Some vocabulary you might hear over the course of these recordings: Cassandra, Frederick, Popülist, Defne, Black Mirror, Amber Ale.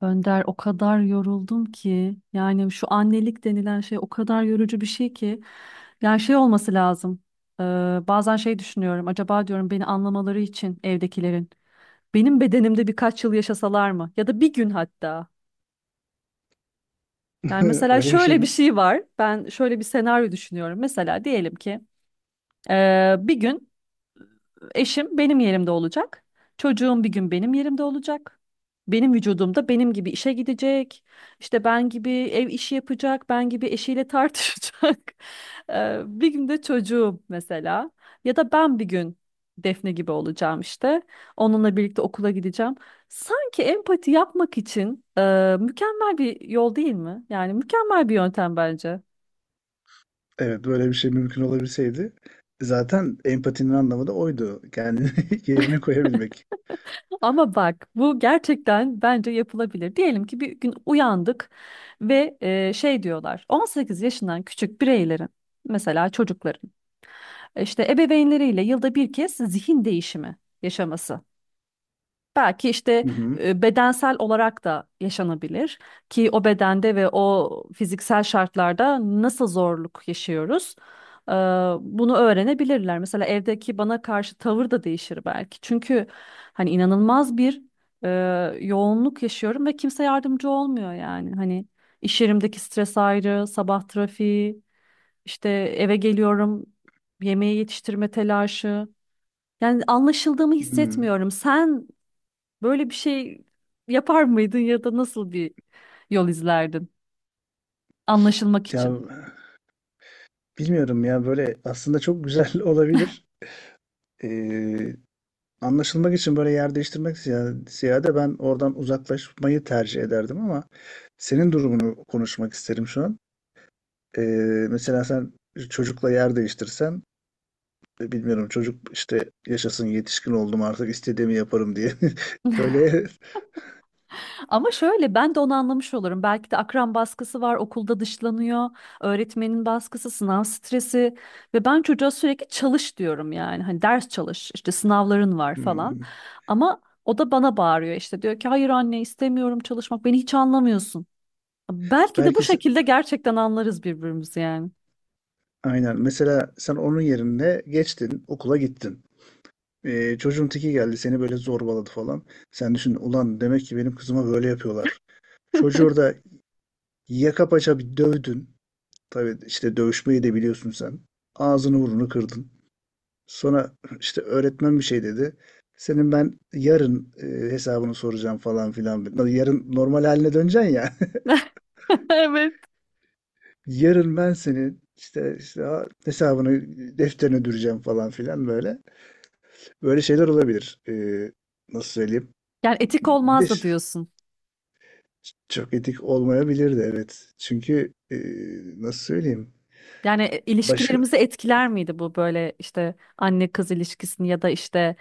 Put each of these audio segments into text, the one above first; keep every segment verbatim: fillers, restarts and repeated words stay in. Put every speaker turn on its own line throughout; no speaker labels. Önder, o kadar yoruldum ki yani şu annelik denilen şey o kadar yorucu bir şey ki. Yani şey olması lazım. Ee, Bazen şey düşünüyorum, acaba diyorum beni anlamaları için evdekilerin benim bedenimde birkaç yıl yaşasalar mı ya da bir gün hatta. Yani mesela
Öyle bir şey
şöyle bir şey var, ben şöyle bir senaryo düşünüyorum, mesela diyelim ki ee, bir gün eşim benim yerimde olacak. Çocuğum bir gün benim yerimde olacak. Benim vücudumda benim gibi işe gidecek. İşte ben gibi ev işi yapacak. Ben gibi eşiyle tartışacak. Eee, bir gün de çocuğum mesela. Ya da ben bir gün Defne gibi olacağım işte. Onunla birlikte okula gideceğim. Sanki empati yapmak için eee, mükemmel bir yol değil mi? Yani mükemmel bir yöntem bence.
evet, böyle bir şey mümkün olabilseydi zaten empatinin anlamı da oydu. Kendini yerine koyabilmek.
Ama bak, bu gerçekten bence yapılabilir. Diyelim ki bir gün uyandık ve e, şey diyorlar, on sekiz yaşından küçük bireylerin, mesela çocukların, işte ebeveynleriyle yılda bir kez zihin değişimi yaşaması. Belki işte
Hı hı.
e, bedensel olarak da yaşanabilir, ki o bedende ve o fiziksel şartlarda nasıl zorluk yaşıyoruz, e, bunu öğrenebilirler. Mesela evdeki bana karşı tavır da değişir belki. Çünkü hani inanılmaz bir e, yoğunluk yaşıyorum ve kimse yardımcı olmuyor yani. Hani iş yerimdeki stres ayrı, sabah trafiği, işte eve geliyorum, yemeği yetiştirme telaşı. Yani anlaşıldığımı
Hı.
hissetmiyorum. Sen böyle bir şey yapar mıydın ya da nasıl bir yol izlerdin? Anlaşılmak
Ya,
için.
bilmiyorum ya, böyle aslında çok güzel olabilir. Ee, Anlaşılmak için böyle yer değiştirmek ziya- ziyade ben oradan uzaklaşmayı tercih ederdim ama senin durumunu konuşmak isterim şu an. Ee, Mesela sen çocukla yer değiştirsen, e, bilmiyorum, çocuk işte yaşasın, yetişkin oldum artık istediğimi yaparım diye. Böyle.
Ama şöyle, ben de onu anlamış olurum. Belki de akran baskısı var, okulda dışlanıyor, öğretmenin baskısı, sınav stresi ve ben çocuğa sürekli çalış diyorum yani. Hani ders çalış, işte sınavların var falan.
Hmm.
Ama o da bana bağırıyor, işte diyor ki hayır anne istemiyorum çalışmak, beni hiç anlamıyorsun. Belki de bu
Belki se-
şekilde gerçekten anlarız birbirimizi yani.
aynen. Mesela sen onun yerine geçtin, okula gittin. Ee, çocuğun teki geldi, seni böyle zorbaladı falan. Sen düşün, ulan demek ki benim kızıma böyle yapıyorlar. Çocuğu orada yaka paça bir dövdün. Tabii işte dövüşmeyi de biliyorsun sen. Ağzını burnunu kırdın. Sonra işte öğretmen bir şey dedi. Senin ben yarın e, hesabını soracağım falan filan. Yarın normal haline döneceksin ya.
Evet.
Yarın ben senin işte, işte ha- hesabını defterine düreceğim falan filan böyle. Böyle şeyler olabilir. Ee, nasıl söyleyeyim?
Yani etik
Bir de
olmaz da
ş-
diyorsun.
Çok etik olmayabilir de evet. Çünkü ee, nasıl söyleyeyim?
Yani e,
Başka
ilişkilerimizi etkiler miydi bu, böyle işte anne kız ilişkisini ya da işte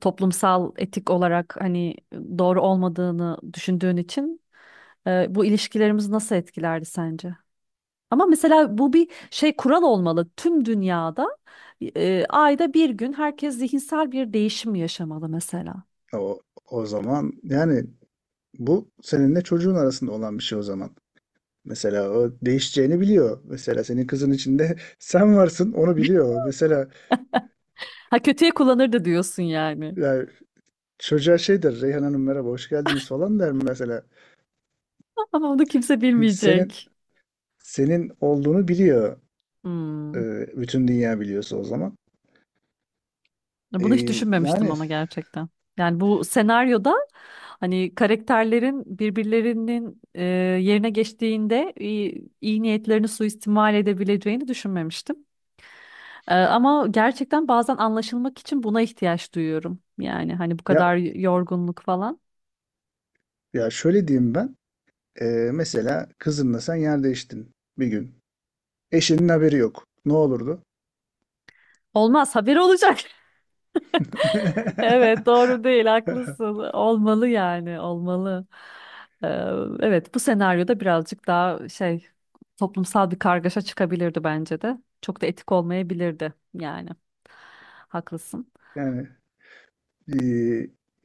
toplumsal etik olarak hani doğru olmadığını düşündüğün için e, bu ilişkilerimizi nasıl etkilerdi sence? Ama mesela bu bir şey kural olmalı. Tüm dünyada e, ayda bir gün herkes zihinsel bir değişim yaşamalı mesela.
o, o zaman yani bu seninle çocuğun arasında olan bir şey o zaman. Mesela o değişeceğini biliyor. Mesela senin kızın içinde sen varsın, onu biliyor. Mesela
Ha, kötüye kullanırdı diyorsun yani.
yani çocuğa şey der, Reyhan Hanım merhaba hoş geldiniz falan der mesela.
Ama onu kimse
Çünkü senin
bilmeyecek.
senin olduğunu biliyor. e,
Hmm.
Bütün dünya biliyorsa o zaman. E,
Bunu hiç düşünmemiştim
yani
ama gerçekten. Yani bu senaryoda hani karakterlerin birbirlerinin e, yerine geçtiğinde iyi, iyi niyetlerini suistimal edebileceğini düşünmemiştim. E, ama gerçekten bazen anlaşılmak için buna ihtiyaç duyuyorum. Yani hani bu
ya,
kadar yorgunluk falan.
ya şöyle diyeyim ben. e, Mesela kızınla sen yer değiştin bir gün. Eşinin haberi yok. Ne olurdu?
Olmaz, haberi olacak. Evet, doğru değil, haklısın. Olmalı yani, olmalı. Ee, evet, bu senaryoda birazcık daha şey, toplumsal bir kargaşa çıkabilirdi bence de. Çok da etik olmayabilirdi yani. Haklısın.
Yani e,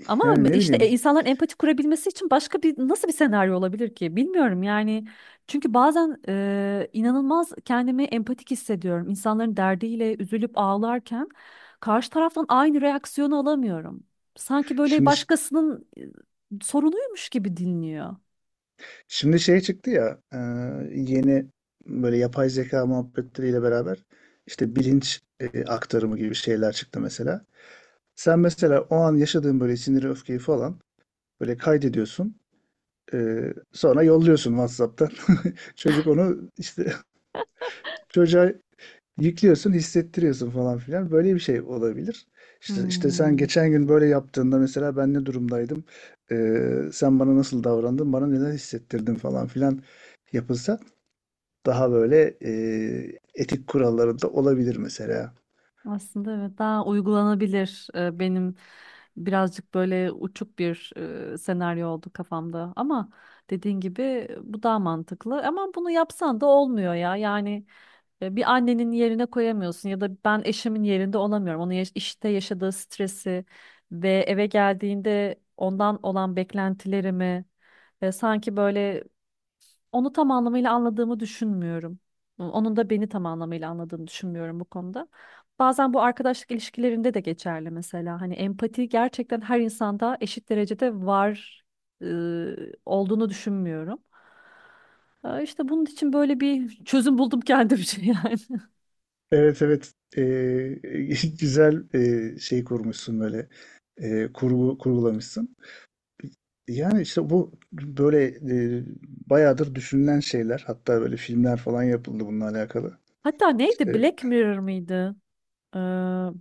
Ama
yani ne
işte e,
bileyim.
insanların empati kurabilmesi için başka bir, nasıl bir senaryo olabilir ki? Bilmiyorum yani. Çünkü bazen e, inanılmaz kendimi empatik hissediyorum. İnsanların derdiyle üzülüp ağlarken karşı taraftan aynı reaksiyonu alamıyorum. Sanki böyle
Şimdi
başkasının e, sorunuymuş gibi dinliyor.
şimdi şey çıktı ya, e, yeni, böyle yapay zeka muhabbetleriyle beraber işte bilinç, e, aktarımı gibi şeyler çıktı mesela. Sen mesela o an yaşadığın böyle siniri, öfkeyi falan böyle kaydediyorsun. Ee, sonra yolluyorsun WhatsApp'tan. Çocuk onu işte çocuğa yüklüyorsun, hissettiriyorsun falan filan. Böyle bir şey olabilir. İşte, işte sen
Hmm.
geçen gün böyle yaptığında mesela ben ne durumdaydım? Ee, sen bana nasıl davrandın? Bana neler hissettirdin falan filan yapılsa daha böyle e, etik kurallarında olabilir mesela.
Aslında evet, daha uygulanabilir e, benim, birazcık böyle uçuk bir e, senaryo oldu kafamda ama dediğin gibi e, bu daha mantıklı ama bunu yapsan da olmuyor ya yani. E, bir annenin yerine koyamıyorsun ya da ben eşimin yerinde olamıyorum, onun yaş- işte yaşadığı stresi ve eve geldiğinde ondan olan beklentilerimi, e, sanki böyle onu tam anlamıyla anladığımı düşünmüyorum. Onun da beni tam anlamıyla anladığını düşünmüyorum bu konuda. Bazen bu arkadaşlık ilişkilerinde de geçerli mesela. Hani empati gerçekten her insanda eşit derecede var e, olduğunu düşünmüyorum. E, İşte bunun için böyle bir çözüm buldum kendimce. Yani.
Evet, evet. Ee, güzel e, şey kurmuşsun, böyle e, kurgu kurgulamışsın. Yani işte bu böyle e, bayağıdır düşünülen şeyler. Hatta böyle filmler falan yapıldı bununla alakalı.
Hatta neydi?
İşte
Black Mirror mıydı? Ee,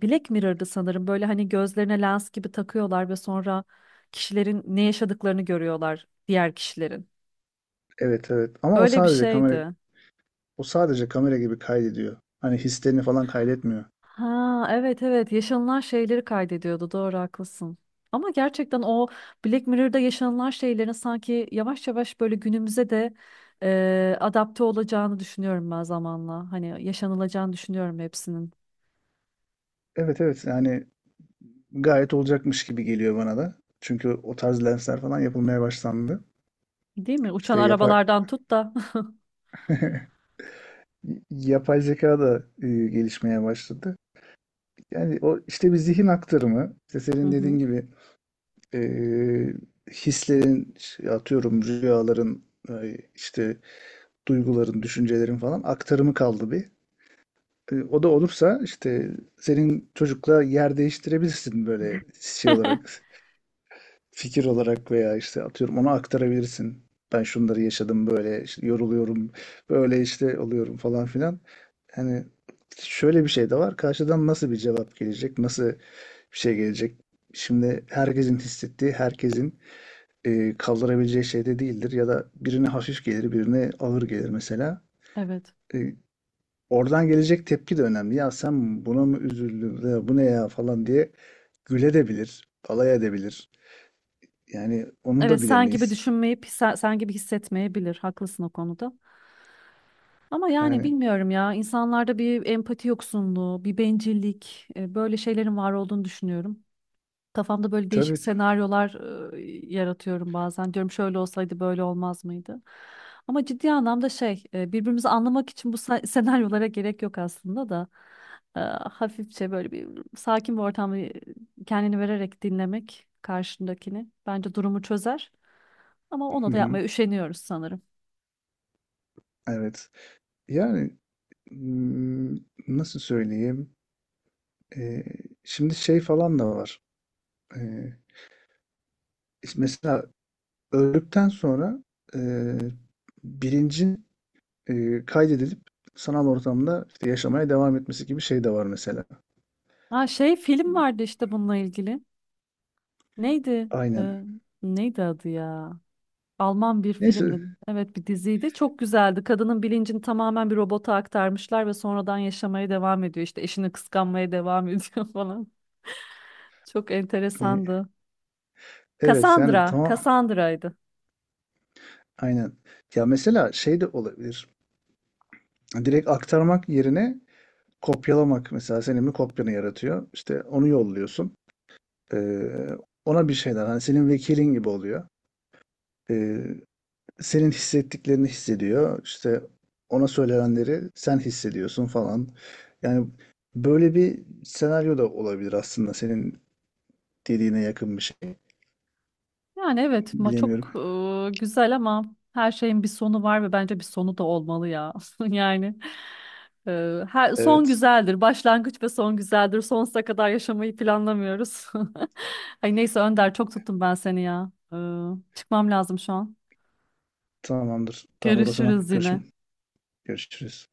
Black Mirror'dı sanırım. Böyle hani gözlerine lens gibi takıyorlar ve sonra kişilerin ne yaşadıklarını görüyorlar, diğer kişilerin.
evet, evet, ama o
Öyle bir
sadece kamera,
şeydi.
o sadece kamera gibi kaydediyor. Hani hislerini falan kaydetmiyor.
Ha evet, evet, yaşanılan şeyleri kaydediyordu, doğru, haklısın. Ama gerçekten o Black Mirror'da yaşanılan şeylerin sanki yavaş yavaş böyle günümüze de e, adapte olacağını düşünüyorum ben zamanla. Hani yaşanılacağını düşünüyorum hepsinin.
Evet, evet, yani gayet olacakmış gibi geliyor bana da. Çünkü o tarz lensler falan yapılmaya başlandı.
Değil mi? Uçan
İşte yapay
arabalardan tut da.
yapay zeka da e, gelişmeye başladı. Yani o işte bir zihin aktarımı, işte
Hı
senin dediğin
hı.
gibi e, hislerin, işte atıyorum rüyaların, e, işte duyguların, düşüncelerin falan aktarımı kaldı bir. E, o da olursa işte senin çocukla yer değiştirebilirsin, böyle şey olarak, fikir olarak veya işte atıyorum ona aktarabilirsin. Ben şunları yaşadım, böyle işte yoruluyorum, böyle işte oluyorum falan filan. Hani şöyle bir şey de var. Karşıdan nasıl bir cevap gelecek, nasıl bir şey gelecek? Şimdi herkesin hissettiği, herkesin e, kaldırabileceği şeyde değildir, ya da birine hafif gelir, birine ağır gelir mesela.
Evet.
E, Oradan gelecek tepki de önemli. Ya sen buna mı üzüldün, ya bu ne ya falan diye güledebilir, alay edebilir. Yani onu
Evet,
da
sen gibi
bilemeyiz.
düşünmeyip sen, sen gibi hissetmeyebilir. Haklısın o konuda. Ama yani
Yani
bilmiyorum ya, insanlarda bir empati yoksunluğu, bir bencillik, e, böyle şeylerin var olduğunu düşünüyorum. Kafamda böyle değişik
tabii.
senaryolar e, yaratıyorum bazen. Diyorum şöyle olsaydı böyle olmaz mıydı? Ama ciddi anlamda şey, e, birbirimizi anlamak için bu sa- senaryolara gerek yok aslında da. E, Hafifçe böyle bir, sakin bir ortamda kendini vererek dinlemek karşındakini bence durumu çözer. Ama ona
Hı
da
hı,
yapmaya üşeniyoruz sanırım.
evet. Yani hmm, nasıl söyleyeyim? E, Şimdi şey falan da var. E, Mesela öldükten sonra e, bilincin e, kaydedilip sanal ortamda işte yaşamaya devam etmesi gibi şey de var mesela.
Ha, şey film vardı işte bununla ilgili. Neydi?
Aynen.
Ee, Neydi adı ya? Alman bir
Neyse.
filmdi. Evet, bir diziydi. Çok güzeldi. Kadının bilincini tamamen bir robota aktarmışlar ve sonradan yaşamaya devam ediyor. İşte eşini kıskanmaya devam ediyor falan. Çok
e,
enteresandı.
Evet yani
Cassandra.
tamam.
Cassandra'ydı.
Aynen. Ya mesela şey de olabilir. Direkt aktarmak yerine kopyalamak, mesela senin bir kopyanı yaratıyor. İşte onu yolluyorsun. Ee, Ona bir şeyler, hani senin vekilin gibi oluyor. Ee, Senin hissettiklerini hissediyor. İşte ona söylenenleri sen hissediyorsun falan. Yani böyle bir senaryo da olabilir, aslında senin dediğine yakın bir şey.
Yani evet ma çok
Bilemiyorum.
e, güzel ama her şeyin bir sonu var ve bence bir sonu da olmalı ya. Yani e, her, son
Evet.
güzeldir. Başlangıç ve son güzeldir. Sonsuza kadar yaşamayı planlamıyoruz. Ay neyse Önder, çok tuttum ben seni ya. E, çıkmam lazım şu an.
Tamamdır. Tamamdır o zaman.
Görüşürüz yine.
Görüşüm. Görüşürüz.